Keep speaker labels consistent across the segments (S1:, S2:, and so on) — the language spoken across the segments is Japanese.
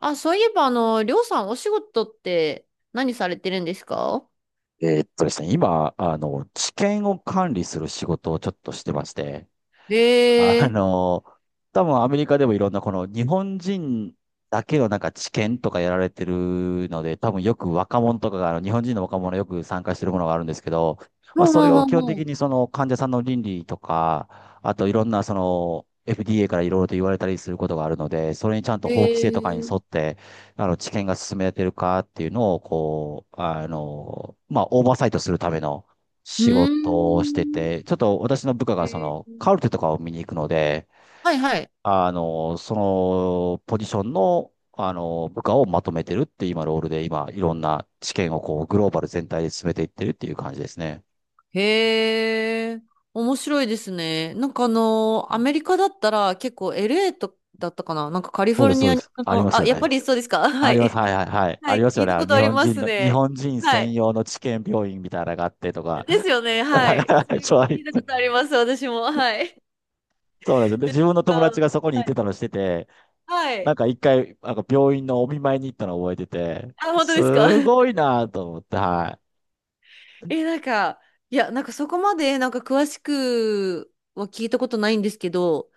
S1: あ、そういえば、りょうさん、お仕事って何されてるんですか？
S2: ですね、今、治験を管理する仕事をちょっとしてまして、
S1: へ
S2: あ
S1: え。
S2: の、多分アメリカでもいろんなこの日本人だけのなんか知見とかやられてるので、多分よく若者とかが、あの日本人の若者よく参加してるものがあるんですけど、まあ
S1: ほう
S2: そ
S1: ほ
S2: れ
S1: うほ
S2: を
S1: う
S2: 基本的
S1: ほ
S2: にその患者さんの倫理とか、あといろんなその FDA からいろいろと言われたりすることがあるので、それにちゃんと
S1: う。
S2: 法規制とかに
S1: へえ。
S2: 沿って、知見が進められてるかっていうのを、こう、オーバーサイトするための
S1: う
S2: 仕
S1: ー
S2: 事をして
S1: ん。
S2: て、ちょっと私の部下
S1: へ
S2: がそ
S1: え。
S2: のカルテとかを見に行くので、
S1: はいはい。
S2: そのポジションの、部下をまとめてるっていう今ロールで今いろんな知験をこうグローバル全体で進めていってるっていう感じですね。
S1: へえ。面白いですね。
S2: う
S1: ア
S2: ん。
S1: メリカだったら結構 LA とだったかな、なんかカリ
S2: そ
S1: フ
S2: う
S1: ォ
S2: で
S1: ル
S2: す、そ
S1: ニ
S2: う
S1: ア
S2: で
S1: に、
S2: す。あります
S1: あ、
S2: よ
S1: やっぱ
S2: ね。
S1: りそうですか？
S2: あ
S1: は
S2: ります。
S1: い。
S2: はい、はい、はい。
S1: は
S2: あ
S1: い、
S2: ります
S1: 聞
S2: よ
S1: い
S2: ね。
S1: た
S2: あの
S1: こと
S2: 日
S1: あり
S2: 本
S1: ま
S2: 人
S1: す
S2: の、日
S1: ね。
S2: 本人
S1: は
S2: 専
S1: い。
S2: 用の治験病院みたいなのがあってとか。
S1: ですよね、
S2: はい、
S1: は
S2: は
S1: い。そ
S2: い、はい、
S1: れ
S2: そう、
S1: 聞いたことあります、私も。はい。
S2: そうなんですよ。で、
S1: で、
S2: 自分の友
S1: なん
S2: 達
S1: か、
S2: がそこに行
S1: は
S2: っ
S1: い。
S2: てたのしてて、
S1: は
S2: なん
S1: い。
S2: か一回、なんか病院のお見舞いに行ったのを覚えてて、
S1: あ、本当ですか？
S2: すごい なと思って、は
S1: え、なんか、いや、なんかそこまで、なんか詳しくは聞いたことないんですけど、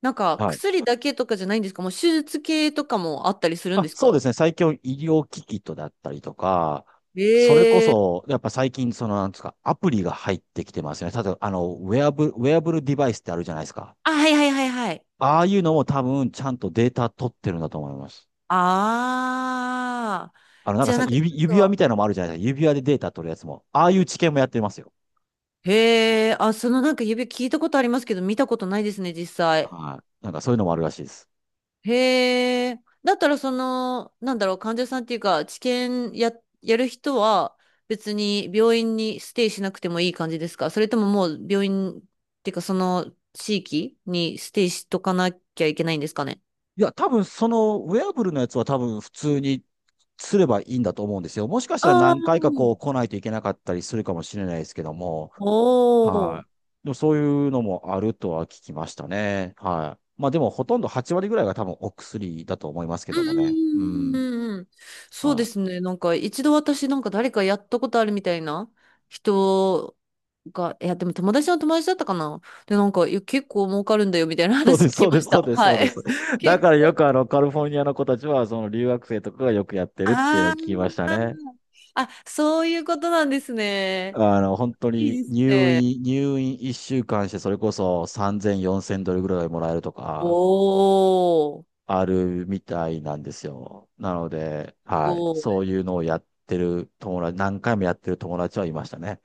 S1: なん
S2: い。
S1: か
S2: はい。
S1: 薬だけとかじゃないんですか？もう手術系とかもあったりするん
S2: あ、
S1: です
S2: そうで
S1: か？
S2: すね。最近医療機器とだったりとか、
S1: え
S2: それこ
S1: えー。
S2: そ、やっぱ最近、その、なんですか、アプリが入ってきてますよね。例えば、ウェアブルデバイスってあるじゃないですか。
S1: あ、はいはいはいはい。
S2: ああいうのも多分、ちゃんとデータ取ってるんだと思います。
S1: ああ。
S2: なんか
S1: じゃあ
S2: さ、
S1: なんかちょ
S2: 指、
S1: っ
S2: 指輪
S1: と、
S2: みたいなのもあるじゃないですか。指輪でデータ取るやつも。ああいう知見もやってますよ。
S1: へえ、あそのなんか指聞いたことありますけど、見たことないですね、実際。
S2: はい。なんかそういうのもあるらしいです。
S1: へえ。だったらその、なんだろう、患者さんっていうか、治験や、やる人は別に病院にステイしなくてもいい感じですか？それとももう病院っていうかその地域にステイしとかなきゃいけないんですかね？
S2: いや、多分そのウェアブルのやつは多分普通にすればいいんだと思うんですよ。もしかしたら
S1: ああ
S2: 何回かこ
S1: ー。
S2: う来ないといけなかったりするかもしれないですけども、
S1: お
S2: は
S1: お。
S2: い。でもそういうのもあるとは聞きましたね。はい。まあでもほとんど8割ぐらいが多分お薬だと思いますけ
S1: う
S2: どもね。う
S1: んうんう
S2: ん。
S1: んうんうん。そうで
S2: は
S1: す
S2: い。
S1: ね。なんか一度私なんか誰かやったことあるみたいな人が、いやでも友達の友達だったかな。で、なんかいや結構儲かるんだよみたいな
S2: そう
S1: 話
S2: で
S1: 聞
S2: す、
S1: き
S2: そう
S1: ま
S2: です、
S1: し
S2: そ
S1: た。
S2: うです、
S1: は
S2: そうで
S1: い。
S2: す。だ
S1: 結
S2: から
S1: 構、
S2: よくあのカリフォルニアの子たちはその留学生とかがよくやってるっていうのを聞
S1: あ
S2: きま
S1: ー、
S2: したね。
S1: あ、そういうことなんですね。
S2: 本当
S1: い
S2: に
S1: いです
S2: 入
S1: ね。
S2: 院、入院1週間してそれこそ3000、4000ドルぐらいもらえるとか、
S1: おー。
S2: あるみたいなんですよ。なので、
S1: す
S2: はい。
S1: ご
S2: そ
S1: い。
S2: ういうのをやってる友達、何回もやってる友達はいましたね。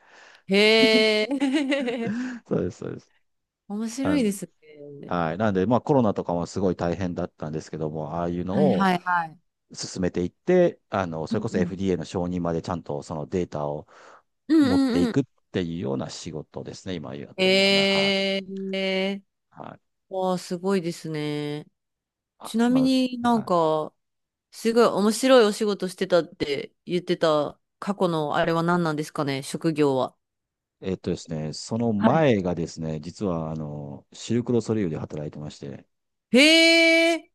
S1: へえ。
S2: そうです、そうです。
S1: 面白
S2: あ
S1: い
S2: の
S1: ですね。
S2: はい。なんで、まあコロナとかもすごい大変だったんですけども、ああいうの
S1: はい
S2: を
S1: はいはい。
S2: 進めていって、そ
S1: う
S2: れ
S1: ん
S2: こそ
S1: うん。
S2: FDA の承認までちゃんとそのデータを
S1: うん
S2: 持って
S1: うん
S2: い
S1: うん。
S2: くっていうような仕事ですね、今やってるのはな。はい。
S1: ええ。
S2: はい。
S1: わあ、すごいですね。
S2: あ、
S1: ちなみ
S2: ま
S1: にな
S2: あ、
S1: ん
S2: はい。
S1: か、すごい面白いお仕事してたって言ってた過去のあれは何なんですかね、職業は。
S2: えっとですね、その
S1: はい。
S2: 前がですね、実は、シルクロソリュールで働いてまして。
S1: へえ。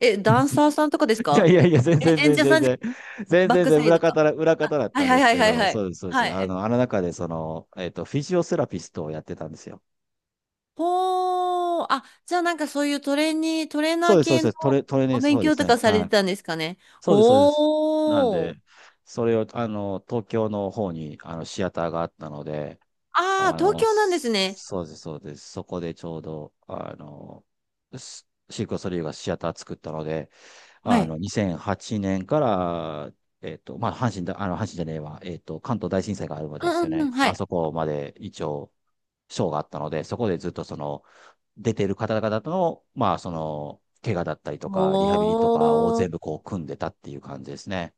S1: え、ダン サーさんとかです
S2: いやい
S1: か？
S2: やいや、全然
S1: え、演
S2: 全
S1: 者さ
S2: 然全
S1: んじゃ、
S2: 然、全然
S1: バッ
S2: 全
S1: ク
S2: 然
S1: サイドか。
S2: 裏方だっ
S1: はい
S2: たん
S1: は
S2: で
S1: い
S2: す
S1: はい
S2: け
S1: はい
S2: ど、
S1: は
S2: そ
S1: い。
S2: うです、そうで
S1: は
S2: す。
S1: い。
S2: あの中で、その、フィジオセラピストをやってたんですよ。
S1: ほー、あ、じゃあなんかそういうトレーニー、トレーナ
S2: そう
S1: ー
S2: です、そう
S1: 系
S2: で
S1: の
S2: す。トレーニン
S1: お
S2: グ、そ
S1: 勉
S2: うで
S1: 強
S2: す
S1: と
S2: ね。
S1: かされ
S2: は
S1: て
S2: い。
S1: たんですかね。
S2: そうです、そうです。なん
S1: ほ
S2: で、
S1: ー。
S2: それを、東京の方に、シアターがあったので、
S1: ああ、東京なんですね。
S2: そうです、そうです。そこでちょうど、シークレットリーがシアター作ったので、
S1: はい。
S2: 2008年から、まあ、阪神だ、阪神じゃねえわ、関東大震災があるまで
S1: う
S2: です
S1: んう
S2: よ
S1: んう
S2: ね。
S1: ん、は
S2: あそ
S1: い。
S2: こまで一応、ショーがあったので、そこでずっとその、出てる方々との、まあ、その、怪我だったりとか、リハビリと
S1: お
S2: かを全
S1: ー。
S2: 部こう、組んでたっていう感じですね。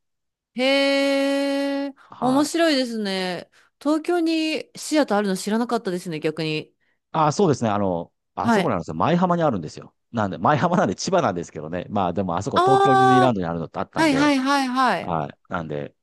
S1: へえ、
S2: は
S1: 面
S2: い。
S1: 白いですね。東京にシアターあるの知らなかったですね、逆に。
S2: あ、そうですね。あそ
S1: は
S2: こ
S1: い。
S2: なんですよ。舞浜にあるんですよ。なんで、舞浜なんで千葉なんですけどね。まあでもあそこ東京ディズニーラ
S1: あ
S2: ン
S1: ー、
S2: ドにあるのってあった
S1: は
S2: ん
S1: いは
S2: で、
S1: いはいはい。
S2: はい。なんで、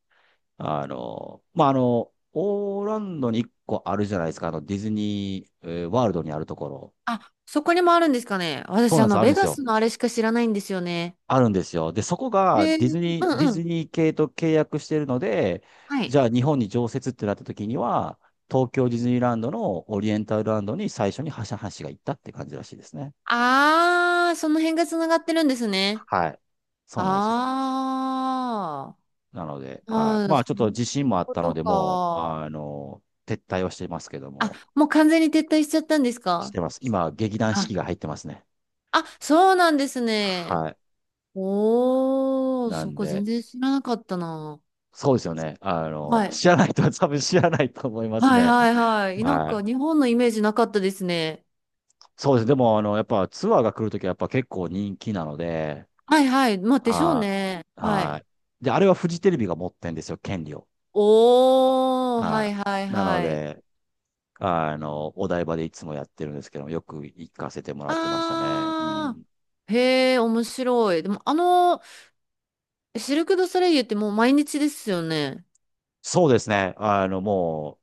S2: オーランドに一個あるじゃないですか。ディズニー、ワールドにあるところ。
S1: あ、そこにもあるんですかね。
S2: そう
S1: 私、
S2: なんです。あるん
S1: ベ
S2: です
S1: ガ
S2: よ。
S1: スのあれしか知らないんですよね。
S2: あるんですよ。で、そこが
S1: へ
S2: ディ
S1: ー。
S2: ズ
S1: う
S2: ニー、ディ
S1: んう
S2: ズ
S1: ん。
S2: ニー系と契約してるので、
S1: はい。
S2: じゃあ日本に常設ってなった時には、東京ディズニーランドのオリエンタルランドに最初にはしが行ったって感じらしいですね。
S1: あー、その辺が繋がってるんですね。
S2: はい。そうなんですよ。
S1: あ
S2: なので、は
S1: あ。
S2: い。
S1: あー、
S2: まあ、
S1: そ
S2: ちょっ
S1: う
S2: と
S1: いう
S2: 自信もあっ
S1: こ
S2: たの
S1: と
S2: で、もう、
S1: か。
S2: 撤退をしてますけど
S1: あ、
S2: も、
S1: もう完全に撤退しちゃったんです
S2: し
S1: か？
S2: てます。今、劇団四
S1: あ、
S2: 季が入ってますね。
S1: あ、そうなんですね。
S2: はい。
S1: おー、
S2: な
S1: そ
S2: ん
S1: こ全
S2: で、
S1: 然知らなかったな。
S2: そうですよね。
S1: はい。
S2: 知らない人は多分知らないと思います
S1: はい
S2: ね。
S1: はいはい。なん
S2: は
S1: か
S2: い。
S1: 日本のイメージなかったですね。
S2: そうです。でも、やっぱツアーが来るときはやっぱ結構人気なので、
S1: はいはい。まあでしょう
S2: は
S1: ね。
S2: い。
S1: は
S2: は
S1: い。
S2: い。で、あれはフジテレビが持ってんですよ、権利を。
S1: おー、は
S2: は
S1: いはい
S2: い。なの
S1: はい。
S2: で、お台場でいつもやってるんですけど、よく行かせてもらってましたね。う
S1: あ
S2: ん。
S1: ー、へー、面白い。でもシルク・ドゥ・ソレイユってもう毎日ですよね。
S2: そうですね。も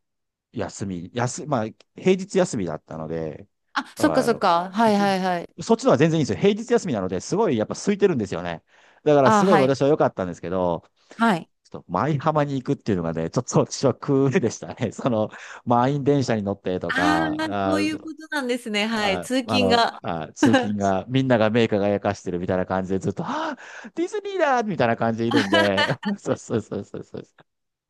S2: う、休み、休、まあ、平日休みだったので、
S1: あ、そっか
S2: あ
S1: そっ
S2: の、
S1: か。はい
S2: ぎ
S1: はいはい。
S2: そっちのは全然いいんですよ。平日休みなので、すごいやっぱ空いてるんですよね。だから
S1: あ
S2: す
S1: ー、
S2: ごい
S1: はい。
S2: 私は良かったんですけど、
S1: はい。
S2: ちょっと舞浜に行くっていうのがね、ちょっと私はクールでしたね。その、満員電車に乗ってと
S1: あ
S2: か、
S1: あ、そういうことなんですね。はい。通勤が。
S2: 通勤が、みんなが目輝かしてるみたいな感じでずっと、ディズニーだみたいな感じでいるんで、そう、そう、そう、そう、そう。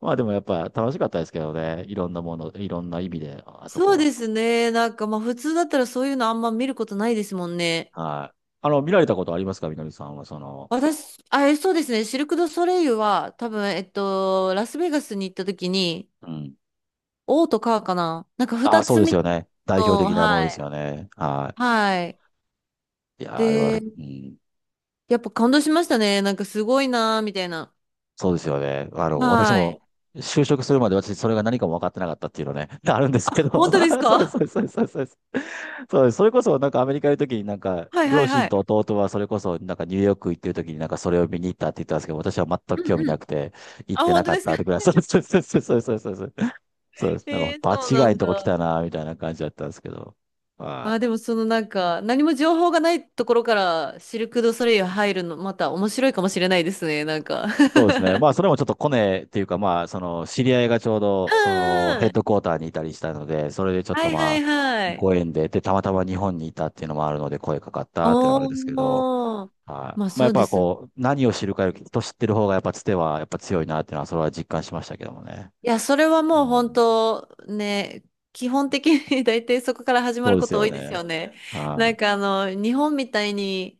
S2: まあでもやっぱ楽しかったですけどね、いろんなもの、いろんな意味で、ああそこ
S1: そう
S2: は。
S1: ですね。なんかまあ普通だったらそういうのあんま見ることないですもんね。
S2: はい。見られたことありますか、みのりさんは、その、
S1: 私、あ、え、そうですね。シルク・ドゥ・ソレイユは多分、ラスベガスに行った時に、
S2: うん。
S1: 王とカーかな。なんか
S2: ああ、
S1: 二
S2: そう
S1: つ
S2: です
S1: 見
S2: よ
S1: た
S2: ね。代表
S1: の、
S2: 的なもので
S1: は
S2: す
S1: い。
S2: よね。は
S1: はい。
S2: い。いやー、あれは、
S1: で、
S2: うん。
S1: やっぱ感動しましたね。なんかすごいなーみたいな。
S2: そうですよね。私
S1: は
S2: も、
S1: い。
S2: 就職するまで私、それが何かも分かってなかったっていうのね、あるんです
S1: あ、
S2: けど、
S1: 本当です
S2: そうです、そう
S1: か？
S2: です、そうです、そうです。そうです、そうです。それこそ、なんかアメリカにいるときに、なんか、
S1: はいは
S2: 両
S1: い
S2: 親
S1: は
S2: と
S1: い。
S2: 弟はそれこそ、なんかニューヨーク行ってるときに、なんかそれを見に行ったって言ったんですけど、私は全く
S1: う
S2: 興
S1: ん
S2: 味
S1: う
S2: な
S1: ん。
S2: くて、行っ
S1: あ、
S2: てな
S1: 本当
S2: かっ
S1: ですか？
S2: たとか、そうです、そうです、そうです、そうです、そうです。そうで す。なん
S1: えー、
S2: か、
S1: そう
S2: 場
S1: な
S2: 違
S1: ん
S2: いの
S1: だ。
S2: とこ来たな、みたいな感じだったんですけど。は
S1: あ、
S2: い。
S1: でもそのなんか、何も情報がないところからシルク・ドゥ・ソレイユ入るの、また面白いかもしれないですね、なんか。
S2: そうですね。まあ、それもちょっとコネっていうか、まあ、その、知り合いがちょうど、その、ヘッ
S1: う
S2: ド
S1: ん。
S2: クォーターにいたりしたので、それでちょっ
S1: は
S2: と
S1: いは
S2: まあ、
S1: いはい。
S2: ご縁で、で、たまたま日本にいたっていうのもあるので、声かかったっていうのはあるん
S1: お
S2: ですけど、
S1: ー。
S2: は
S1: まあ
S2: い。まあ、
S1: そ
S2: やっ
S1: うで
S2: ぱ
S1: すね。
S2: こう、何を知るかより、人知ってる方がやっぱつては、やっぱ強いなっていうのは、それは実感しましたけどもね。
S1: いや、それは
S2: う
S1: もう本
S2: ん。
S1: 当ね、基本的に 大体そこから始ま
S2: そ
S1: る
S2: うで
S1: こ
S2: す
S1: と多
S2: よ
S1: いで
S2: ね。
S1: すよね。
S2: は
S1: 日本みたいに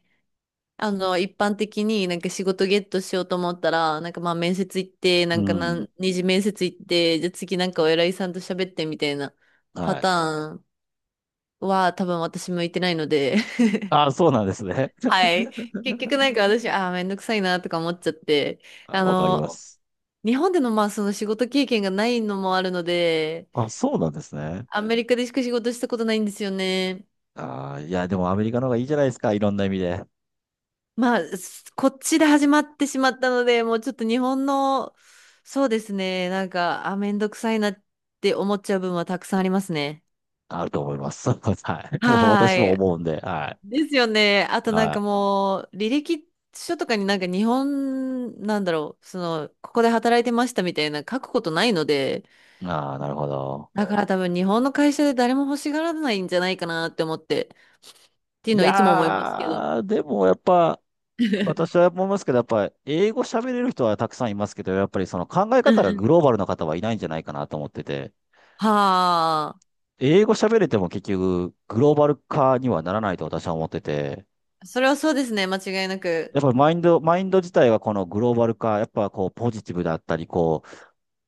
S1: 一般的になんか仕事ゲットしようと思ったら、なんかまあ面接行って、な
S2: い。う
S1: んか
S2: ん。
S1: 何、二次面接行って、じゃあ次なんかお偉いさんと喋ってみたいなパ
S2: はい。
S1: ターンは多分私向いてないので、
S2: あ、そうなんですね。
S1: はい。結局なんか私、ああ、めんどくさいなとか思っちゃって、
S2: あ、
S1: あ
S2: わかりま
S1: の、
S2: す。
S1: 日本でのまあその仕事経験がないのもあるので、
S2: あ、そうなんですね。
S1: アメリカでしか仕事したことないんですよね。
S2: あー、いや、でもアメリカの方がいいじゃないですか、いろんな意味で。
S1: まあ、すこっちで始まってしまったので、もうちょっと日本の、そうですね、なんか、あ、めんどくさいなって思っちゃう部分はたくさんありますね。
S2: あると思います。はい。もう
S1: は
S2: 私も
S1: ーい。
S2: 思うんで、は
S1: ですよね。あ
S2: い。
S1: となんか
S2: は
S1: もう、履歴書とかになんか日本、なんだろう、その、ここで働いてましたみたいな書くことないので、
S2: い。ああ、なるほど。
S1: だから多分日本の会社で誰も欲しがらないんじゃないかなって思って、っていう
S2: い
S1: のはいつも思いますけど。
S2: やー、でもやっぱ、私 は思いますけど、やっぱ、英語喋れる人はたくさんいますけど、やっぱりその考え
S1: うんう
S2: 方がグ
S1: ん。
S2: ローバルな方はいないんじゃないかなと思ってて、
S1: は
S2: 英語喋れても結局、グローバル化にはならないと私は思ってて、
S1: あ。それはそうですね、間違いな
S2: や
S1: く。
S2: っぱりマインド自体はこのグローバル化、やっぱこう、ポジティブだったり、こ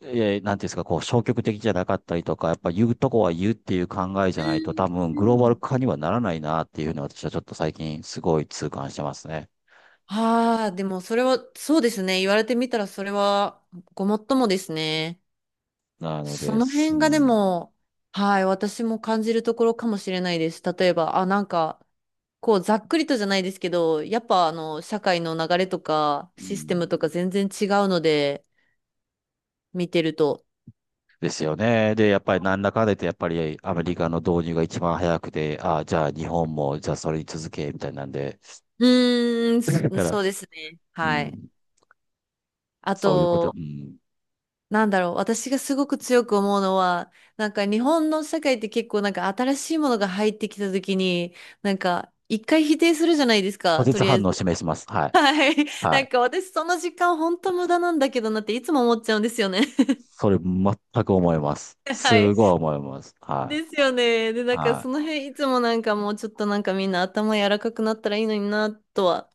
S2: う、なんていうんですか、こう、消極的じゃなかったりとか、やっぱ言うとこは言うっていう考えじ
S1: う
S2: ゃないと、多
S1: ん。
S2: 分
S1: う
S2: グローバル
S1: ん。
S2: 化にはならないなっていうのは私はちょっと最近すごい痛感してますね。
S1: ああ、でもそれは、そうですね。言われてみたらそれはごもっともですね。
S2: なの
S1: そ
S2: で
S1: の辺
S2: す。う
S1: がで
S2: ん。
S1: も、はい、私も感じるところかもしれないです。例えば、あ、なんか、こう、ざっくりとじゃないですけど、やっぱ社会の流れとか、
S2: う
S1: システム
S2: ん。
S1: とか全然違うので、見てると。
S2: ですよね。で、やっぱりなんだかんだ言って、やっぱりアメリカの導入が一番早くて、ああ、じゃあ日本も、じゃあそれに続け、みたいなんで。
S1: うーん、
S2: だ
S1: そ、
S2: か
S1: そ
S2: ら、
S1: うですね。
S2: う
S1: はい。
S2: ん、
S1: あ
S2: そういうこと、う
S1: と、
S2: ん。
S1: なんだろう、私がすごく強く思うのは、なんか日本の社会って結構なんか新しいものが入ってきた時に、なんか一回否定するじゃないです
S2: 拒
S1: か、と
S2: 絶
S1: りあ
S2: 反
S1: え
S2: 応を
S1: ず。
S2: 示します。は い。
S1: はい。
S2: は
S1: なん
S2: い。
S1: か私その時間本当無駄なんだけどなっていつも思っちゃうんですよね。
S2: それ全く思います。
S1: は
S2: す
S1: い。
S2: ごい思います。は
S1: ですよね。で、
S2: い。
S1: なんかそ
S2: は
S1: の
S2: い。
S1: 辺いつもなんかもうちょっとなんかみんな頭柔らかくなったらいいのになとは、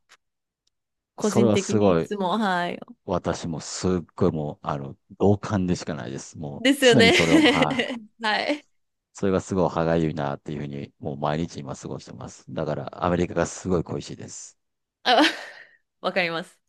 S1: 個
S2: それ
S1: 人
S2: は
S1: 的
S2: す
S1: にい
S2: ごい、
S1: つも、はい。
S2: 私もすっごいもう、同感でしかないです。もう、
S1: ですよ
S2: 常に
S1: ね。
S2: それを、はい。
S1: はい。
S2: それがすごい歯がゆいなっていうふうに、もう毎日今過ごしてます。だから、アメリカがすごい恋しいです。
S1: あ、わかります。